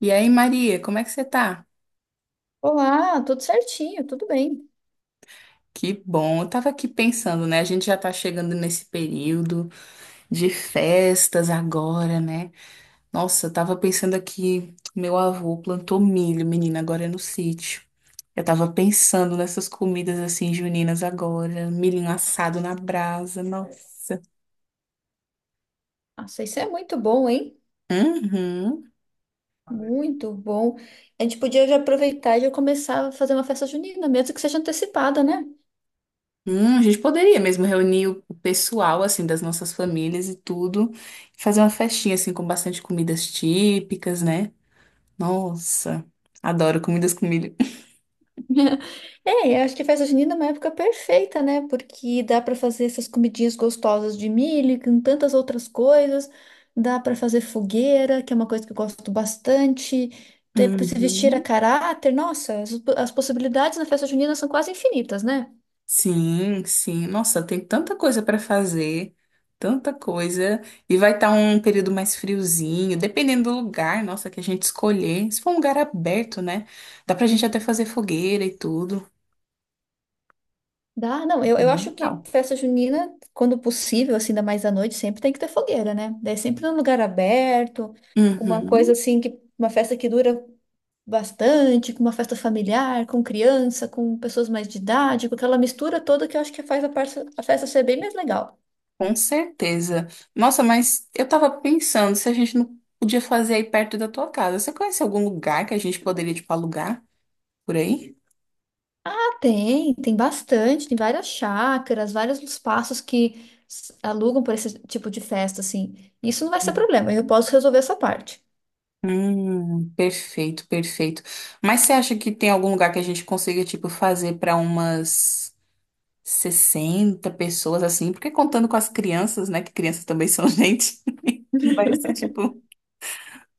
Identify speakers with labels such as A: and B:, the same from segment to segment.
A: E aí, Maria, como é que você tá?
B: Olá, tudo certinho, tudo bem.
A: Que bom, eu tava aqui pensando, né? A gente já tá chegando nesse período de festas agora, né? Nossa, eu tava pensando aqui, meu avô plantou milho, menina, agora é no sítio. Eu tava pensando nessas comidas assim juninas agora, milho assado na brasa, nossa.
B: Nossa, isso é muito bom, hein?
A: Uhum.
B: Muito bom. A gente podia já aproveitar e já começar a fazer uma festa junina, mesmo que seja antecipada, né?
A: A gente poderia mesmo reunir o pessoal assim das nossas famílias e tudo, e fazer uma festinha assim com bastante comidas típicas, né? Nossa, adoro comidas com milho.
B: É, eu acho que festa junina é uma época perfeita, né? Porque dá para fazer essas comidinhas gostosas de milho, e com tantas outras coisas. Dá para fazer fogueira, que é uma coisa que eu gosto bastante. Ter, se vestir a
A: Uhum.
B: caráter. Nossa, as possibilidades na festa junina são quase infinitas, né?
A: Sim, sim. Nossa, tem tanta coisa para fazer, tanta coisa. E vai estar um período mais friozinho, dependendo do lugar, nossa, que a gente escolher. Se for um lugar aberto, né? Dá pra gente até fazer fogueira e tudo.
B: Dá, não,
A: Vai
B: eu,
A: ser
B: eu
A: bem
B: acho que
A: legal.
B: festa junina, quando possível, assim, ainda mais à noite, sempre tem que ter fogueira, né? Daí sempre num lugar aberto, uma coisa
A: Uhum,
B: assim, que uma festa que dura bastante, com uma festa familiar, com criança, com pessoas mais de idade, com aquela mistura toda que eu acho que faz a, a festa ser bem mais legal.
A: com certeza. Nossa, mas eu tava pensando se a gente não podia fazer aí perto da tua casa. Você conhece algum lugar que a gente poderia, tipo, alugar por aí?
B: Tem, tem bastante, tem várias chácaras, vários espaços que alugam para esse tipo de festa, assim. Isso não vai ser problema, eu posso resolver essa parte.
A: Perfeito, perfeito. Mas você acha que tem algum lugar que a gente consiga, tipo, fazer para umas 60 pessoas assim? Porque contando com as crianças, né? Que crianças também são gente. Vai ser, tipo,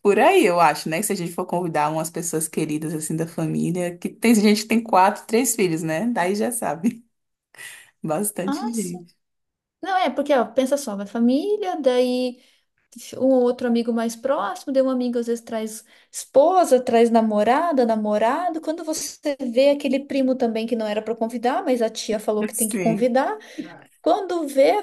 A: por aí, eu acho, né? Se a gente for convidar umas pessoas queridas, assim, da família, que tem gente que tem quatro, três filhos, né? Daí já sabe.
B: Ah,
A: Bastante gente.
B: Não, é, porque, ó, pensa só, vai família, daí um ou outro amigo mais próximo, daí um amigo às vezes traz esposa, traz namorada, namorado. Quando você vê aquele primo também que não era pra convidar, mas a tia falou que tem que
A: Sim.
B: convidar, quando vê,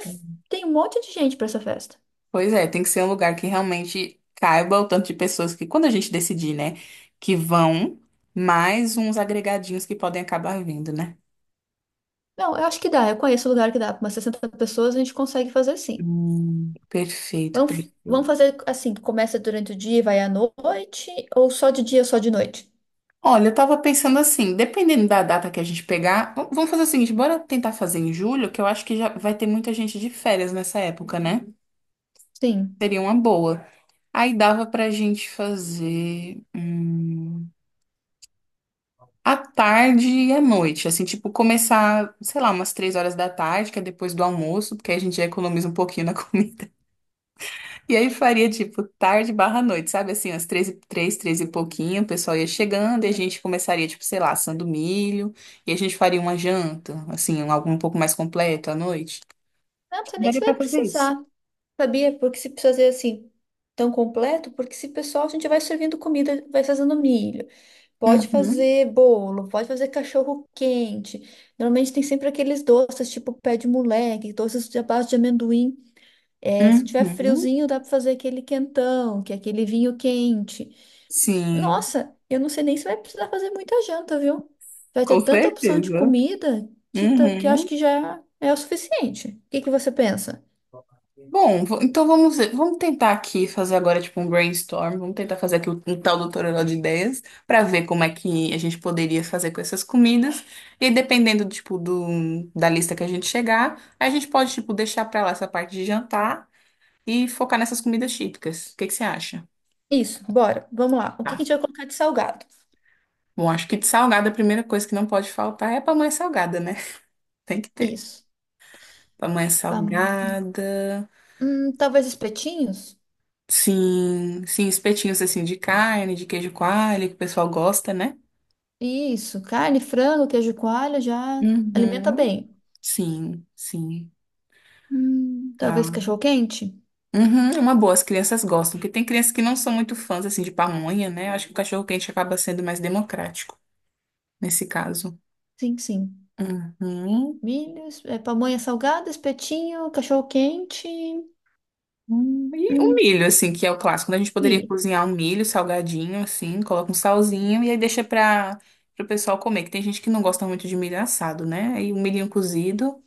B: tem um monte de gente pra essa festa.
A: Pois é, tem que ser um lugar que realmente caiba o tanto de pessoas que, quando a gente decidir, né, que vão, mais uns agregadinhos que podem acabar vindo, né?
B: Não, eu acho que dá, eu conheço lugar que dá, pra umas 60 pessoas a gente consegue fazer sim.
A: Perfeito,
B: Vamos, vamos
A: perfeito.
B: fazer assim, que começa durante o dia e vai à noite, ou só de dia, só de noite?
A: Olha, eu tava pensando assim, dependendo da data que a gente pegar, vamos fazer o seguinte, bora tentar fazer em julho, que eu acho que já vai ter muita gente de férias nessa época, né?
B: Sim.
A: Seria uma boa. Aí dava pra gente fazer. À tarde e à noite, assim, tipo, começar, sei lá, umas 3 horas da tarde, que é depois do almoço, porque aí a gente já economiza um pouquinho na comida. E aí faria, tipo, tarde barra noite, sabe? Assim, às três e pouquinho, o pessoal ia chegando e a gente começaria, tipo, sei lá, assando milho, e a gente faria uma janta, assim, algo um pouco mais completo à noite.
B: Não, não sei nem se
A: Daria pra
B: vai
A: fazer isso.
B: precisar. Sabia? Porque se precisa fazer assim tão completo, porque se pessoal a gente vai servindo comida, vai fazendo milho, pode
A: Uhum,
B: fazer bolo, pode fazer cachorro quente. Normalmente tem sempre aqueles doces, tipo pé de moleque, doces de à base de amendoim. É, se tiver
A: uhum,
B: friozinho, dá para fazer aquele quentão, que é aquele vinho quente.
A: sim,
B: Nossa, eu não sei nem se vai precisar fazer muita janta, viu? Vai ter
A: com
B: tanta opção de
A: certeza.
B: comida que, que eu acho
A: Uhum.
B: que já é o suficiente. O que que você pensa?
A: Bom, então vamos tentar aqui fazer agora tipo um brainstorm, vamos tentar fazer aqui um tal do toró de ideias para ver como é que a gente poderia fazer com essas comidas. E aí, dependendo tipo do da lista que a gente chegar, a gente pode tipo deixar para lá essa parte de jantar e focar nessas comidas típicas. O que que você acha?
B: Isso, bora. Vamos lá. O que
A: Tá.
B: que a gente vai colocar de salgado?
A: Bom, acho que de salgada a primeira coisa que não pode faltar é a pamonha salgada, né? Tem que ter.
B: Isso.
A: Pamonha
B: Vam-
A: salgada.
B: Talvez espetinhos?
A: Sim, sim, espetinhos assim de carne, de queijo coalho, que o pessoal gosta, né?
B: Isso. Carne, frango, queijo coalho já alimenta
A: Uhum.
B: bem.
A: Sim, sim,
B: Talvez
A: tá.
B: cachorro-quente?
A: Uhum, é uma boa, as crianças gostam, porque tem crianças que não são muito fãs, assim, de pamonha, né? Acho que o cachorro-quente acaba sendo mais democrático, nesse caso.
B: Sim, sim.
A: Uhum.
B: Milho, é, pamonha salgada, espetinho, cachorro-quente,
A: E o
B: hum,
A: milho, assim, que é o clássico, né? A gente poderia
B: milho.
A: cozinhar um milho salgadinho, assim, coloca um salzinho e aí deixa para o pessoal comer, que tem gente que não gosta muito de milho assado, né? E o milhinho cozido,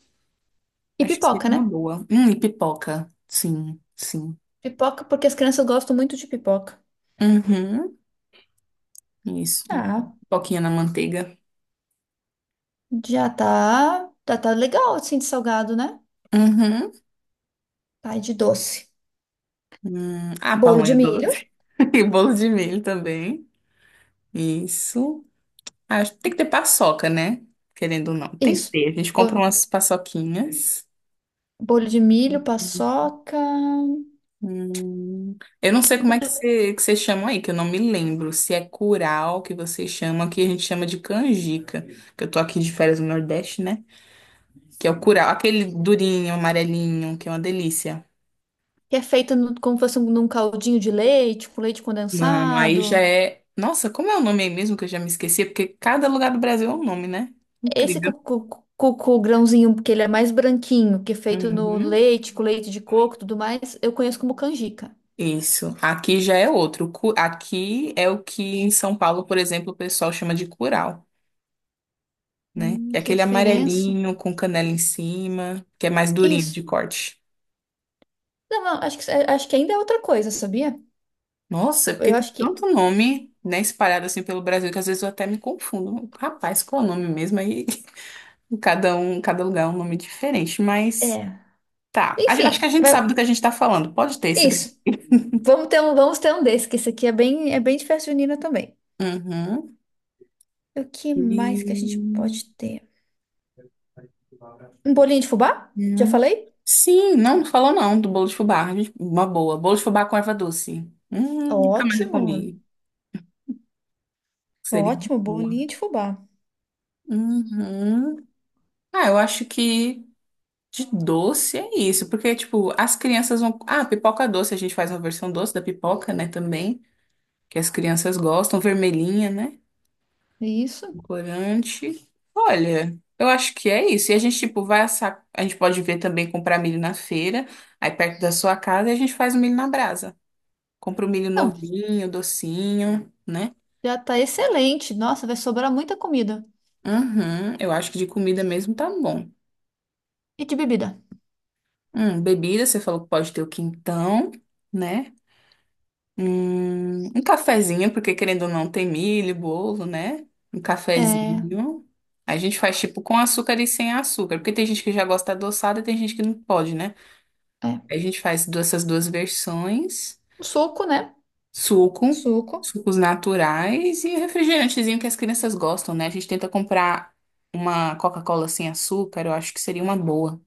B: E
A: acho que seria
B: pipoca, né?
A: uma boa. E pipoca, sim, sim.
B: Pipoca porque as crianças gostam muito de pipoca.
A: Uhum, isso,
B: Ah,
A: pipoquinha na manteiga.
B: já tá, tá, tá legal assim de salgado, né?
A: Uhum.
B: Tá, e de doce.
A: Ah,
B: Bolo de
A: pamonha
B: milho.
A: doce. E bolo de milho também. Isso. Ah, acho que tem que ter paçoca, né? Querendo ou não. Tem que
B: Isso.
A: ter. A gente compra
B: Bo-
A: umas paçoquinhas.
B: Bolo de milho, paçoca.
A: Hum, Eu não sei como é que
B: Bolo
A: você chama aí, que eu não me lembro. Se é curau que você chama, que a gente chama de canjica. Que eu tô aqui de férias no Nordeste, né? Que é o curau, aquele durinho, amarelinho, que é uma delícia.
B: que é feito como se fosse num caldinho de leite, com leite
A: Não, aí já
B: condensado.
A: é. Nossa, como é o nome aí mesmo que eu já me esqueci? Porque cada lugar do Brasil é um nome, né?
B: Esse
A: Incrível.
B: cucu, cucu grãozinho, porque ele é mais branquinho, que é feito no
A: Uhum.
B: leite, com leite de coco e tudo mais, eu conheço como canjica.
A: Isso. Aqui já é outro. Aqui é o que em São Paulo, por exemplo, o pessoal chama de curau, né? É
B: Que
A: aquele
B: diferença.
A: amarelinho com canela em cima, que é mais durinho
B: Isso.
A: de corte.
B: Não, não, acho que ainda é outra coisa, sabia?
A: Nossa, porque
B: Eu
A: tem
B: acho que.
A: tanto nome, né, espalhado assim pelo Brasil que às vezes eu até me confundo. Rapaz, qual é o nome mesmo? Aí cada um, cada lugar é um nome diferente, mas.
B: É.
A: Tá. Acho que a
B: Enfim,
A: gente sabe do que a gente tá falando. Pode ter esse daí.
B: isso. Vamos ter um desse, que esse aqui é bem de festa junina também.
A: Uhum.
B: O que
A: E...
B: mais que a gente pode ter? Um bolinho de fubá? Já
A: Uhum.
B: falei?
A: Sim, não, não falou não do bolo de fubá. Gente, uma boa. Bolo de fubá com erva doce. Nunca mais eu
B: Ótimo,
A: comi. Seria muito
B: ótimo,
A: boa.
B: bolinho de fubá.
A: Uhum. Ah, eu acho que de doce é isso, porque, tipo, as crianças vão. Ah, pipoca doce, a gente faz uma versão doce da pipoca, né, também, que as crianças gostam, vermelhinha, né?
B: Isso.
A: Corante. Olha, eu acho que é isso. E a gente, tipo, vai assar. A gente pode ver também comprar milho na feira, aí perto da sua casa, e a gente faz o milho na brasa. Compra o milho
B: Então,
A: novinho, docinho, né?
B: já tá excelente. Nossa, vai sobrar muita comida.
A: Uhum, eu acho que de comida mesmo tá bom.
B: E de bebida?
A: Bebida, você falou que pode ter o quintão, né? Um cafezinho, porque querendo ou não, tem milho, bolo, né? Um
B: É,
A: cafezinho. A gente faz tipo com açúcar e sem açúcar, porque tem gente que já gosta adoçada e tem gente que não pode, né?
B: é.
A: Aí a gente faz essas duas versões,
B: Um suco, né?
A: suco,
B: Suco.
A: sucos naturais e refrigerantezinho que as crianças gostam, né? A gente tenta comprar uma Coca-Cola sem açúcar, eu acho que seria uma boa.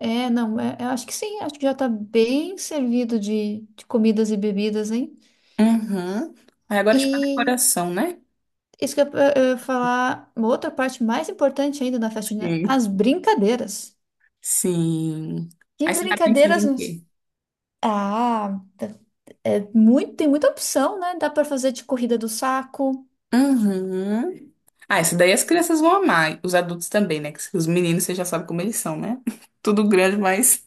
B: É, não, é, eu acho que sim, acho que já tá bem servido de comidas e bebidas, hein?
A: Uhum. Aí agora, é tipo, a
B: E
A: decoração, né?
B: isso que eu ia falar, uma outra parte mais importante ainda da festa junina,
A: Sim.
B: as brincadeiras.
A: Sim.
B: Que
A: Aí você tá pensando
B: brincadeiras
A: em
B: nos...
A: quê?
B: Ah, É muito, tem muita opção, né? Dá para fazer de corrida do saco,
A: Uhum. Ah, isso daí as crianças vão amar, os adultos também, né? Que os meninos, você já sabe como eles são, né? Tudo grande, mas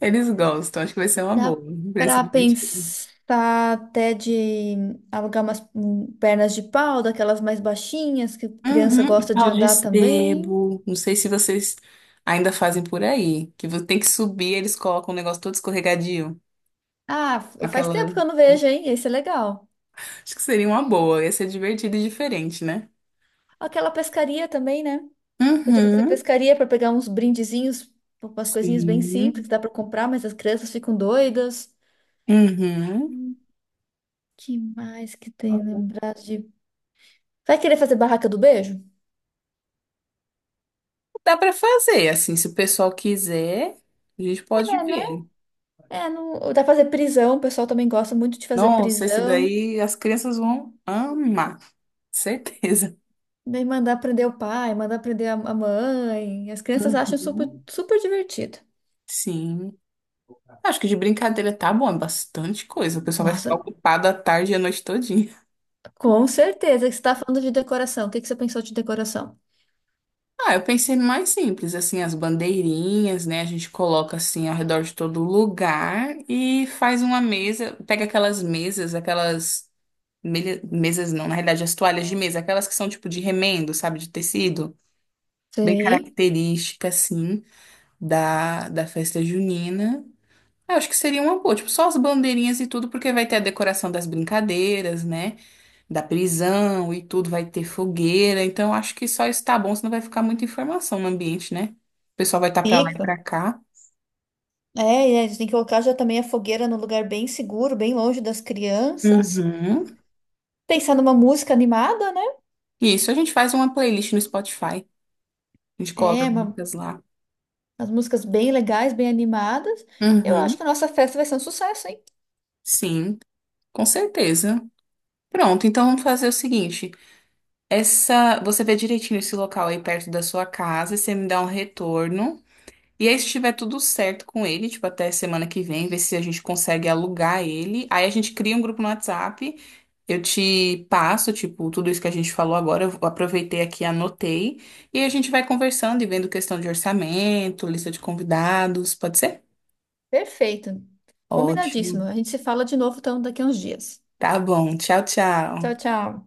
A: eles gostam. Acho que vai ser uma boa
B: dá
A: pra esse
B: para
A: dia.
B: pensar até de alugar umas pernas de pau, daquelas mais baixinhas, que criança
A: Uhum, e
B: gosta de
A: pau de
B: andar também.
A: sebo. Não sei se vocês ainda fazem por aí. Que tem que subir, eles colocam um negócio todo escorregadio.
B: Ah, faz
A: Aquela.
B: tempo que eu não vejo, hein? Esse é legal.
A: Acho que seria uma boa. Ia ser divertido e diferente, né?
B: Aquela pescaria também, né? Podia fazer
A: Uhum.
B: pescaria para pegar uns brindezinhos, umas coisinhas bem simples, que
A: Sim.
B: dá para comprar, mas as crianças ficam doidas.
A: Uhum.
B: Hum, que mais que tem lembrado de. Vai querer fazer barraca do beijo?
A: Dá pra fazer, assim, se o pessoal quiser, a gente pode
B: É, né.
A: ver.
B: É, não, dá pra fazer prisão, o pessoal também gosta muito de fazer
A: Nossa, esse
B: prisão.
A: daí as crianças vão amar, certeza.
B: Daí mandar prender o pai, mandar prender a mãe. As crianças acham super,
A: Uhum.
B: super divertido.
A: Sim. Acho que de brincadeira tá bom, é bastante coisa. O pessoal vai ficar
B: Nossa,
A: ocupado a tarde e a noite todinha.
B: com certeza que você está falando de decoração. O que que você pensou de decoração?
A: Ah, eu pensei no mais simples, assim, as bandeirinhas, né? A gente coloca assim ao redor de todo lugar e faz uma mesa, pega aquelas mesas, aquelas mesas não, na realidade as toalhas de mesa, aquelas que são tipo de remendo, sabe, de tecido, bem
B: Sei.
A: característica assim da festa junina. Eu acho que seria uma boa, tipo, só as bandeirinhas e tudo, porque vai ter a decoração das brincadeiras, né? Da prisão e tudo, vai ter fogueira. Então, eu acho que só isso tá bom, senão vai ficar muita informação no ambiente, né? O pessoal vai estar tá para lá e
B: Fica.
A: para cá.
B: É, e a gente tem que colocar já também a fogueira num lugar bem seguro, bem longe das crianças.
A: Uhum.
B: Pensar numa música animada, né?
A: Isso, a gente faz uma playlist no Spotify. A gente coloca
B: É,
A: as
B: uma.
A: músicas lá.
B: As músicas bem legais, bem animadas. Eu acho
A: Uhum.
B: que a nossa festa vai ser um sucesso, hein?
A: Sim, com certeza. Pronto, então vamos fazer o seguinte. Essa, você vê direitinho esse local aí perto da sua casa, você me dá um retorno. E aí, se tiver tudo certo com ele, tipo, até semana que vem, ver se a gente consegue alugar ele. Aí a gente cria um grupo no WhatsApp. Eu te passo, tipo, tudo isso que a gente falou agora, eu aproveitei aqui, anotei, e a gente vai conversando e vendo questão de orçamento, lista de convidados, pode ser?
B: Perfeito. Combinadíssimo.
A: Ótimo.
B: A gente se fala de novo então daqui a uns dias.
A: Tá bom. Tchau,
B: Tchau,
A: tchau.
B: tchau.